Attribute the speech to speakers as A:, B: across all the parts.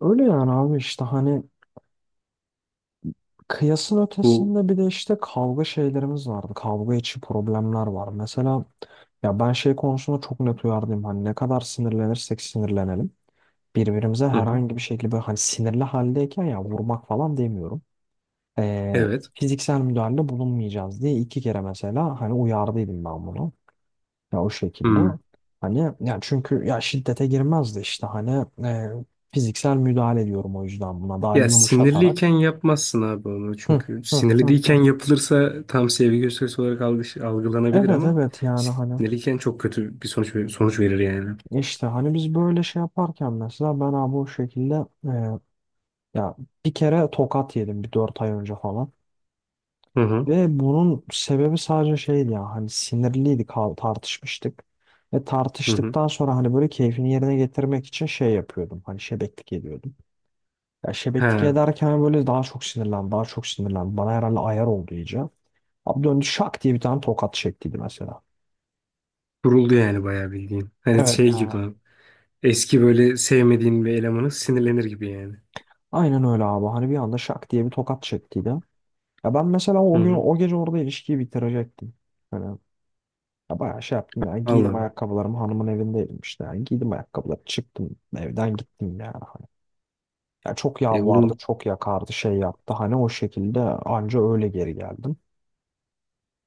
A: Öyle yani abi işte hani kıyasın
B: Bu
A: ötesinde bir de işte kavga şeylerimiz vardı. Kavga içi problemler var. Mesela ya ben şey konusunda çok net uyardım. Hani ne kadar sinirlenirsek sinirlenelim. Birbirimize
B: hı hı.
A: herhangi bir şekilde böyle hani sinirli haldeyken ya vurmak falan demiyorum.
B: Evet.
A: Fiziksel müdahalede bulunmayacağız diye iki kere mesela hani uyardıydım ben bunu. Ya o şekilde.
B: Hmm.
A: Hani ya çünkü ya şiddete girmezdi işte hani fiziksel müdahale ediyorum o yüzden buna daha
B: Ya
A: yumuşatarak.
B: sinirliyken yapmazsın abi onu
A: Hı,
B: çünkü
A: hı,
B: sinirli
A: hı, hı.
B: değilken yapılırsa tam sevgi gösterisi olarak algılanabilir
A: Evet
B: ama
A: evet yani hani
B: sinirliyken çok kötü bir sonuç verir yani.
A: işte hani biz böyle şey yaparken mesela ben abi o şekilde e, ya bir kere tokat yedim bir 4 ay önce falan
B: Hı hı.
A: ve bunun sebebi sadece şeydi ya hani sinirliydik tartışmıştık ve
B: Hı hı.
A: tartıştıktan sonra hani böyle keyfini yerine getirmek için şey yapıyordum hani şebeklik ediyordum ya şebeklik
B: Ha,
A: ederken böyle daha çok sinirlendi daha çok sinirlendi bana herhalde ayar oldu iyice abi döndü şak diye bir tane tokat çektiydi mesela.
B: Vuruldu yani bayağı bildiğin. Hani
A: Evet.
B: şey gibi abi. Eski böyle sevmediğin bir elemanı sinirlenir gibi yani.
A: Aynen öyle abi. Hani bir anda şak diye bir tokat çektiydi. Ya ben mesela
B: Hı
A: o gün
B: hı.
A: o gece orada ilişkiyi bitirecektim. Hani ya bayağı şey yaptım ya.
B: Allah
A: Giydim
B: Allah.
A: ayakkabılarımı, hanımın evindeydim işte. Yani giydim ayakkabıları çıktım evden gittim yani. Hani. Ya çok
B: E
A: yalvardı,
B: oğlum
A: çok yakardı, şey yaptı. Hani o şekilde anca öyle geri geldim.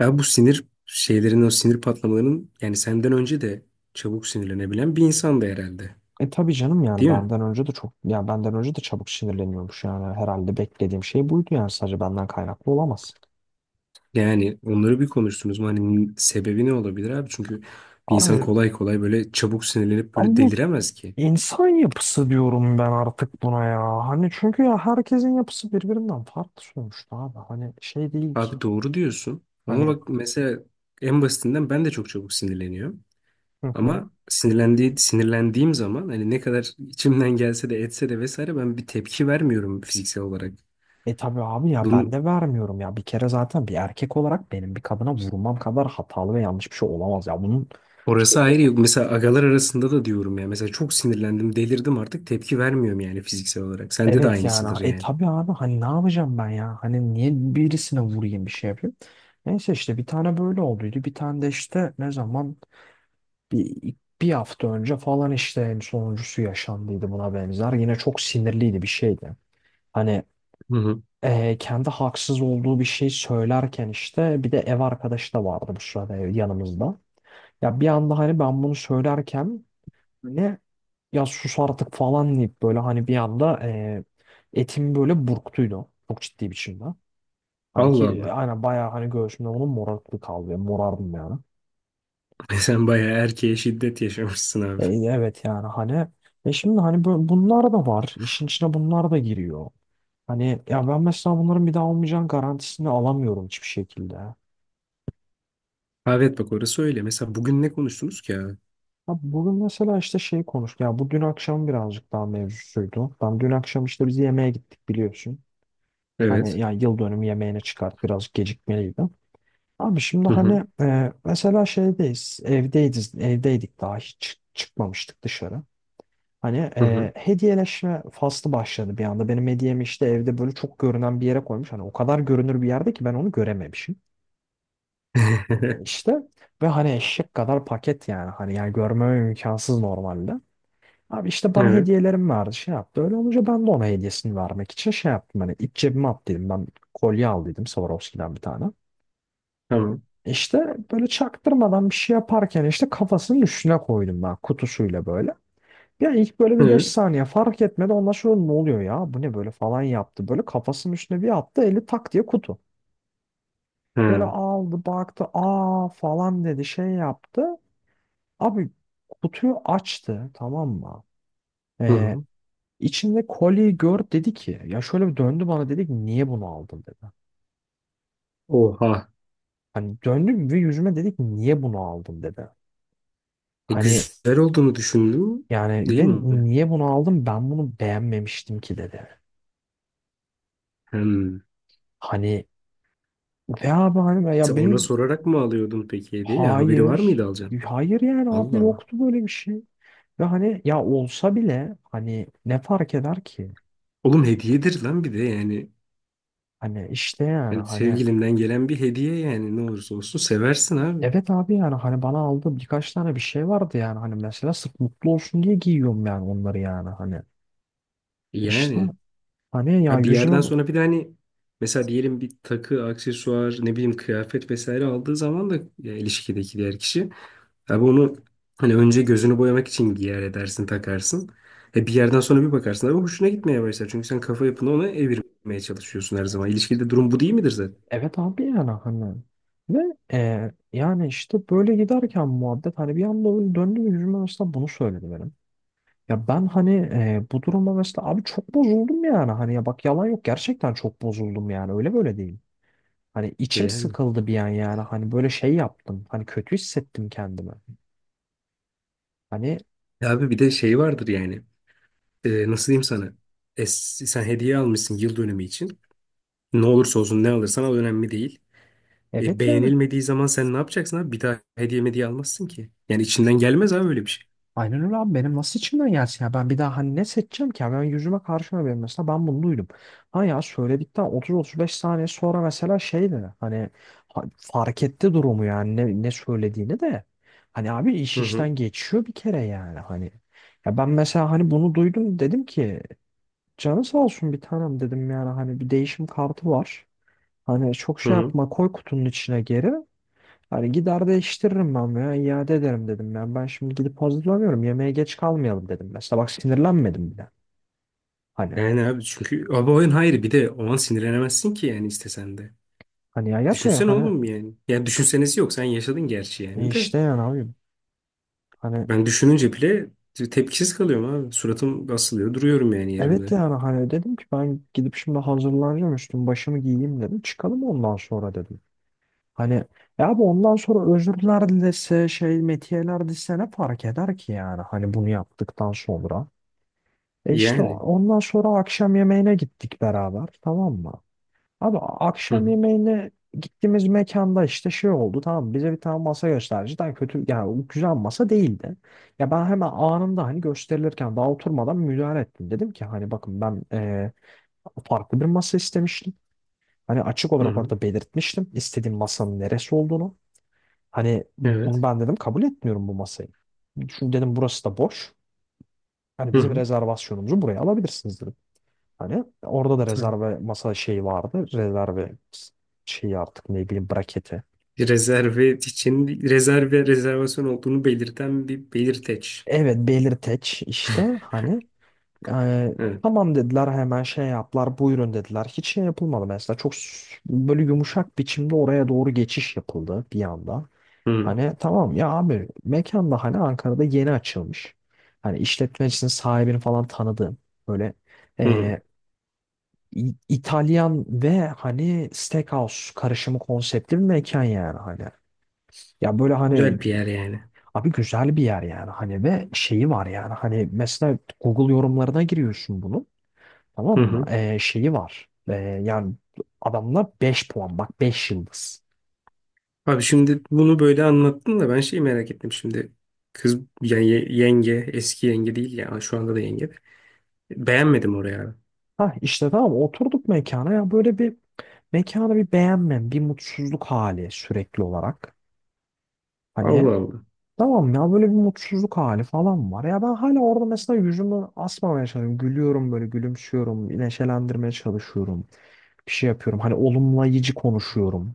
B: ya bu sinir şeylerin o sinir patlamalarının yani senden önce de çabuk sinirlenebilen bir insan da herhalde.
A: E tabii canım, yani
B: Değil mi?
A: benden önce de çok ya benden önce de çabuk sinirleniyormuş yani, herhalde beklediğim şey buydu yani, sadece benden kaynaklı olamaz.
B: Yani onları bir konuştunuz mu? Hani sebebi ne olabilir abi? Çünkü bir insan
A: Abi
B: kolay kolay böyle çabuk sinirlenip
A: ama
B: böyle
A: bu
B: deliremez ki.
A: İnsan yapısı diyorum ben artık buna ya. Hani çünkü ya herkesin yapısı birbirinden farklı sonuçta abi. Hani şey değil ki.
B: Abi doğru diyorsun. Ama
A: Hani
B: bak mesela en basitinden ben de çok çabuk sinirleniyorum.
A: hı hı.
B: Ama sinirlendiğim zaman hani ne kadar içimden gelse de etse de vesaire ben bir tepki vermiyorum fiziksel olarak.
A: E tabii abi ya ben
B: Bunun
A: de vermiyorum ya. Bir kere zaten bir erkek olarak benim bir kadına vurmam kadar hatalı ve yanlış bir şey olamaz ya. Bunun şey
B: orası ayrı
A: yok.
B: yok. Mesela agalar arasında da diyorum ya. Mesela çok sinirlendim, delirdim artık tepki vermiyorum yani fiziksel olarak. Sende de
A: Evet yani.
B: aynısıdır
A: E
B: yani.
A: tabii abi hani ne yapacağım ben ya? Hani niye birisine vurayım, bir şey yapayım? Neyse işte bir tane böyle olduydu. Bir tane de işte ne zaman Bir, bir hafta önce falan işte en sonuncusu yaşandıydı buna benzer. Yine çok sinirliydi bir şeydi. Hani
B: Hı hı.
A: kendi haksız olduğu bir şey söylerken işte bir de ev arkadaşı da vardı bu sırada yanımızda. Ya bir anda hani ben bunu söylerken ne ya sus artık falan deyip böyle hani bir anda etim böyle burktuydu. Çok ciddi biçimde. Hani
B: Allah
A: ki
B: Allah.
A: aynen bayağı hani göğsümde onun morarıklığı kaldı. Morardım yani.
B: Sen bayağı erkeğe şiddet yaşamışsın abi.
A: Evet yani hani şimdi hani bunlar da var. İşin içine bunlar da giriyor. Hani ya ben mesela bunların bir daha olmayacağın garantisini alamıyorum hiçbir şekilde. Ya
B: Abi evet bak orası öyle. Mesela bugün ne konuştunuz ki abi?
A: bugün mesela işte şey konuştuk. Ya bu dün akşam birazcık daha mevzusuydu. Ben dün akşam işte biz yemeğe gittik biliyorsun. Hani
B: Evet.
A: ya yıl dönümü yemeğine çıkart birazcık gecikmeliydi. Abi şimdi
B: Hı hı.
A: hani mesela şeydeyiz. Evdeydik, daha hiç çıkmamıştık dışarı. Hani
B: Hı hı.
A: hediyeleşme faslı başladı bir anda. Benim hediyemi işte evde böyle çok görünen bir yere koymuş. Hani o kadar görünür bir yerde ki ben onu görememişim. İşte ve hani eşek kadar paket yani. Hani yani görmem imkansız normalde. Abi işte bana
B: Evet.
A: hediyelerim vardı şey yaptı. Öyle olunca ben de ona hediyesini vermek için şey yaptım. Hani iç cebime at dedim. Ben kolye al dedim Swarovski'den bir tane.
B: Tamam.
A: İşte böyle çaktırmadan bir şey yaparken işte kafasının üstüne koydum ben kutusuyla böyle. Ya ilk böyle bir 5
B: Evet.
A: saniye fark etmedi. Ondan sonra ne oluyor ya? Bu ne böyle falan yaptı. Böyle kafasının üstüne bir attı. Eli tak diye kutu. Böyle
B: Hı.
A: aldı baktı. Aa falan dedi. Şey yaptı. Abi kutuyu açtı. Tamam mı?
B: Hı
A: Ee,
B: hı.
A: içinde kolyeyi gör dedi ki. Ya şöyle bir döndü bana, dedi ki niye bunu aldın dedi.
B: Oha.
A: Hani döndü ve yüzüme dedi ki niye bunu aldın dedi.
B: E,
A: Hani
B: güzel olduğunu düşündüm.
A: yani
B: Değil
A: ve
B: mi?
A: niye bunu aldım, ben bunu beğenmemiştim ki dedi.
B: Hmm.
A: Hani ve abi hani
B: Sen
A: ya
B: ona
A: benim.
B: sorarak mı alıyordun peki hediye? Ya, haberi var
A: Hayır.
B: mıydı alacağım?
A: Hayır yani abi,
B: Allah Allah.
A: yoktu böyle bir şey. Ve hani ya olsa bile hani ne fark eder ki?
B: Oğlum hediyedir lan bir de yani.
A: Hani işte yani
B: Hani
A: hani
B: sevgilinden gelen bir hediye yani ne olursa olsun seversin abi.
A: evet abi yani hani bana aldığım birkaç tane bir şey vardı yani hani mesela sırf mutlu olsun diye giyiyorum yani onları yani hani işte
B: Yani.
A: hani ya
B: Ha bir
A: yüzüme
B: yerden sonra bir de hani mesela diyelim bir takı, aksesuar, ne bileyim kıyafet vesaire aldığı zaman da ya, ilişkideki diğer kişi abi onu hani önce gözünü boyamak için giyer edersin, takarsın. E bir yerden sonra bir bakarsın abi hoşuna gitmeye başlar. Çünkü sen kafa yapını ona evirmeye çalışıyorsun her zaman. İlişkide durum bu değil midir zaten?
A: evet abi yani hani ve yani işte böyle giderken muhabbet hani bir anda öyle döndü ve yüzüme aslında bunu söyledi benim. Ya ben hani bu duruma mesela abi çok bozuldum yani. Hani ya bak yalan yok, gerçekten çok bozuldum yani. Öyle böyle değil. Hani
B: E
A: içim
B: yani.
A: sıkıldı bir an yani. Hani böyle şey yaptım. Hani kötü hissettim kendimi. Hani
B: Ya abi bir de şey vardır yani. E, nasıl diyeyim sana? E, sen hediye almışsın yıl dönümü için. Ne olursa olsun ne alırsan al önemli değil. E,
A: evet yani
B: beğenilmediği zaman sen ne yapacaksın abi? Bir daha hediye almazsın ki. Yani içinden gelmez abi öyle bir şey.
A: aynen öyle abi, benim nasıl içimden gelsin ya, ben bir daha hani ne seçeceğim ki, ya ben yüzüme karşıma benim mesela ben bunu duydum. Ha ya söyledikten 30-35 saniye sonra mesela şeydi hani fark etti durumu yani ne söylediğini de hani abi iş
B: Hı hı.
A: işten geçiyor bir kere yani hani ya ben mesela hani bunu duydum, dedim ki canı sağ olsun bir tanem dedim, yani hani bir değişim kartı var. Hani çok
B: Hı
A: şey
B: hı.
A: yapma, koy kutunun içine geri. Hani gider değiştiririm ben veya iade ederim dedim ya. Ben şimdi gidip hazırlanıyorum. Yemeğe geç kalmayalım dedim. Mesela bak sinirlenmedim bile. Hani
B: Yani abi çünkü abi oyun hayır bir de o an sinirlenemezsin ki yani istesen de.
A: hani ya gerçekten
B: Düşünsene
A: hani
B: oğlum yani. Yani düşünsenesi yok sen yaşadın gerçi yani de.
A: işte yani abi hani
B: Ben düşününce bile tepkisiz kalıyorum abi. Suratım asılıyor duruyorum yani
A: evet
B: yerimde.
A: yani hani dedim ki ben gidip şimdi hazırlanacağım, üstüm başımı giyeyim dedim. Çıkalım ondan sonra dedim. Hani ya bu ondan sonra özürler dilese, şey metiyeler dilese ne fark eder ki yani hani bunu yaptıktan sonra. İşte
B: Yani.
A: ondan sonra akşam yemeğine gittik beraber, tamam mı? Abi
B: Hı
A: akşam
B: hı.
A: yemeğine gittiğimiz mekanda işte şey oldu, tamam, bize bir tane masa gösterdi. Cidden kötü yani, o güzel masa değildi. Ya ben hemen anında hani gösterilirken daha oturmadan müdahale ettim. Dedim ki hani bakın ben farklı bir masa istemiştim. Hani açık
B: Hı
A: olarak
B: hı.
A: orada belirtmiştim istediğim masanın neresi olduğunu. Hani
B: Evet.
A: bunu ben dedim kabul etmiyorum bu masayı. Çünkü dedim burası da boş. Hani
B: Hı
A: bizim
B: hı.
A: rezervasyonumuzu buraya alabilirsiniz dedim. Hani orada da
B: Tamam.
A: rezerve masa şeyi vardı. Rezerve şeyi artık ne bileyim, braketi.
B: Rezerve için rezervasyon olduğunu belirten bir belirteç.
A: Evet, belirteç işte hani e,
B: Evet.
A: tamam dediler, hemen şey yaptılar, buyurun dediler. Hiç şey yapılmadı mesela, çok böyle yumuşak biçimde oraya doğru geçiş yapıldı bir anda.
B: Hı hı.
A: Hani tamam ya abi mekan da hani Ankara'da yeni açılmış. Hani işletmecisinin sahibini falan tanıdığım böyle
B: Hı hı.
A: İtalyan ve hani steakhouse karışımı konseptli bir mekan yani hani. Ya böyle
B: Güzel
A: hani
B: bir yer yani.
A: abi güzel bir yer yani hani, ve şeyi var yani hani mesela Google yorumlarına giriyorsun bunu, tamam
B: Hı
A: mı?
B: hı.
A: Şeyi var yani adamla 5 puan, bak 5 yıldız.
B: Abi şimdi bunu böyle anlattın da ben şeyi merak ettim şimdi. Kız yani yenge, eski yenge değil ya şu anda da yenge. De. Beğenmedim oraya abi.
A: Ha işte tamam oturduk mekana, ya böyle bir mekanı bir beğenmem, bir mutsuzluk hali sürekli olarak. Hani
B: Allah Allah.
A: tamam, ya böyle bir mutsuzluk hali falan var. Ya ben hala orada mesela yüzümü asmamaya çalışıyorum. Gülüyorum, böyle gülümsüyorum. Neşelendirmeye çalışıyorum. Bir şey yapıyorum. Hani olumlayıcı konuşuyorum.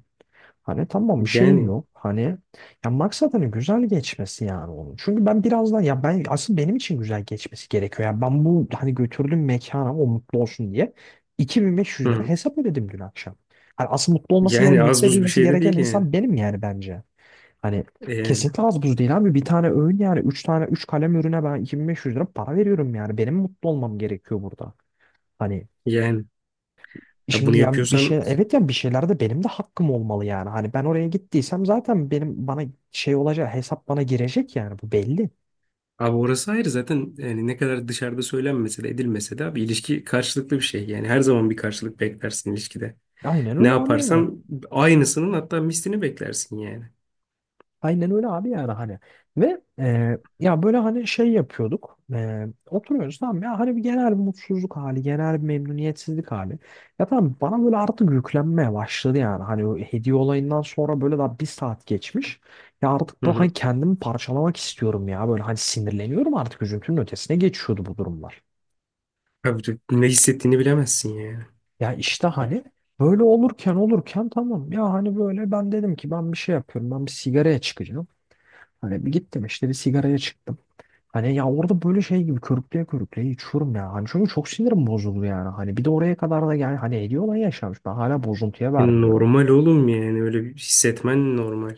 A: Hani tamam bir şey
B: Yani
A: yok. Hani ya maksat hani güzel geçmesi yani onun. Çünkü ben birazdan ya ben, asıl benim için güzel geçmesi gerekiyor. Ya ben bu hani götürdüğüm mekana o mutlu olsun diye
B: hı.
A: 2500 lira
B: hı.
A: hesap ödedim dün akşam. Hani asıl mutlu olması
B: Yani
A: gereken,
B: az
A: mutlu
B: buz bir
A: edilmesi
B: şey de
A: gereken
B: değil yani.
A: insan benim yani bence. Hani
B: E yani
A: kesinlikle az buz değil abi. Bir tane öğün yani. Üç tane, üç kalem ürüne ben 2500 lira para veriyorum yani. Benim mutlu olmam gerekiyor burada. Hani
B: yani ya bunu
A: şimdi yani bir şey,
B: yapıyorsan
A: evet yani bir şeylerde benim de hakkım olmalı yani. Hani ben oraya gittiysem zaten benim bana şey olacak, hesap bana girecek yani, bu belli.
B: abi orası ayrı zaten yani ne kadar dışarıda söylenmese de edilmese de abi ilişki karşılıklı bir şey. Yani her zaman bir karşılık beklersin ilişkide.
A: Aynen
B: Ne
A: öyle abi yani.
B: yaparsan aynısının hatta mislini beklersin yani.
A: Aynen öyle abi yani hani ve ya böyle hani şey yapıyorduk, oturuyoruz tamam ya hani bir genel bir mutsuzluk hali, genel bir memnuniyetsizlik hali, ya tamam bana böyle artık yüklenmeye başladı yani hani o hediye olayından sonra böyle daha 1 saat geçmiş, ya artık
B: Hı
A: böyle hani
B: hı.
A: kendimi parçalamak istiyorum ya, böyle hani sinirleniyorum artık, üzüntünün ötesine geçiyordu bu durumlar,
B: Abi de ne hissettiğini bilemezsin ya.
A: ya işte hani böyle olurken tamam ya hani böyle ben dedim ki ben bir şey yapıyorum, ben bir sigaraya çıkacağım. Hani bir gittim işte bir sigaraya çıktım. Hani ya orada böyle şey gibi körükleye körükleye içiyorum ya. Hani çünkü çok sinirim bozuldu yani. Hani bir de oraya kadar da yani hani ediyor olan yaşamış. Ben hala bozuntuya
B: Yani
A: vermiyorum.
B: normal oğlum yani öyle bir hissetmen normal.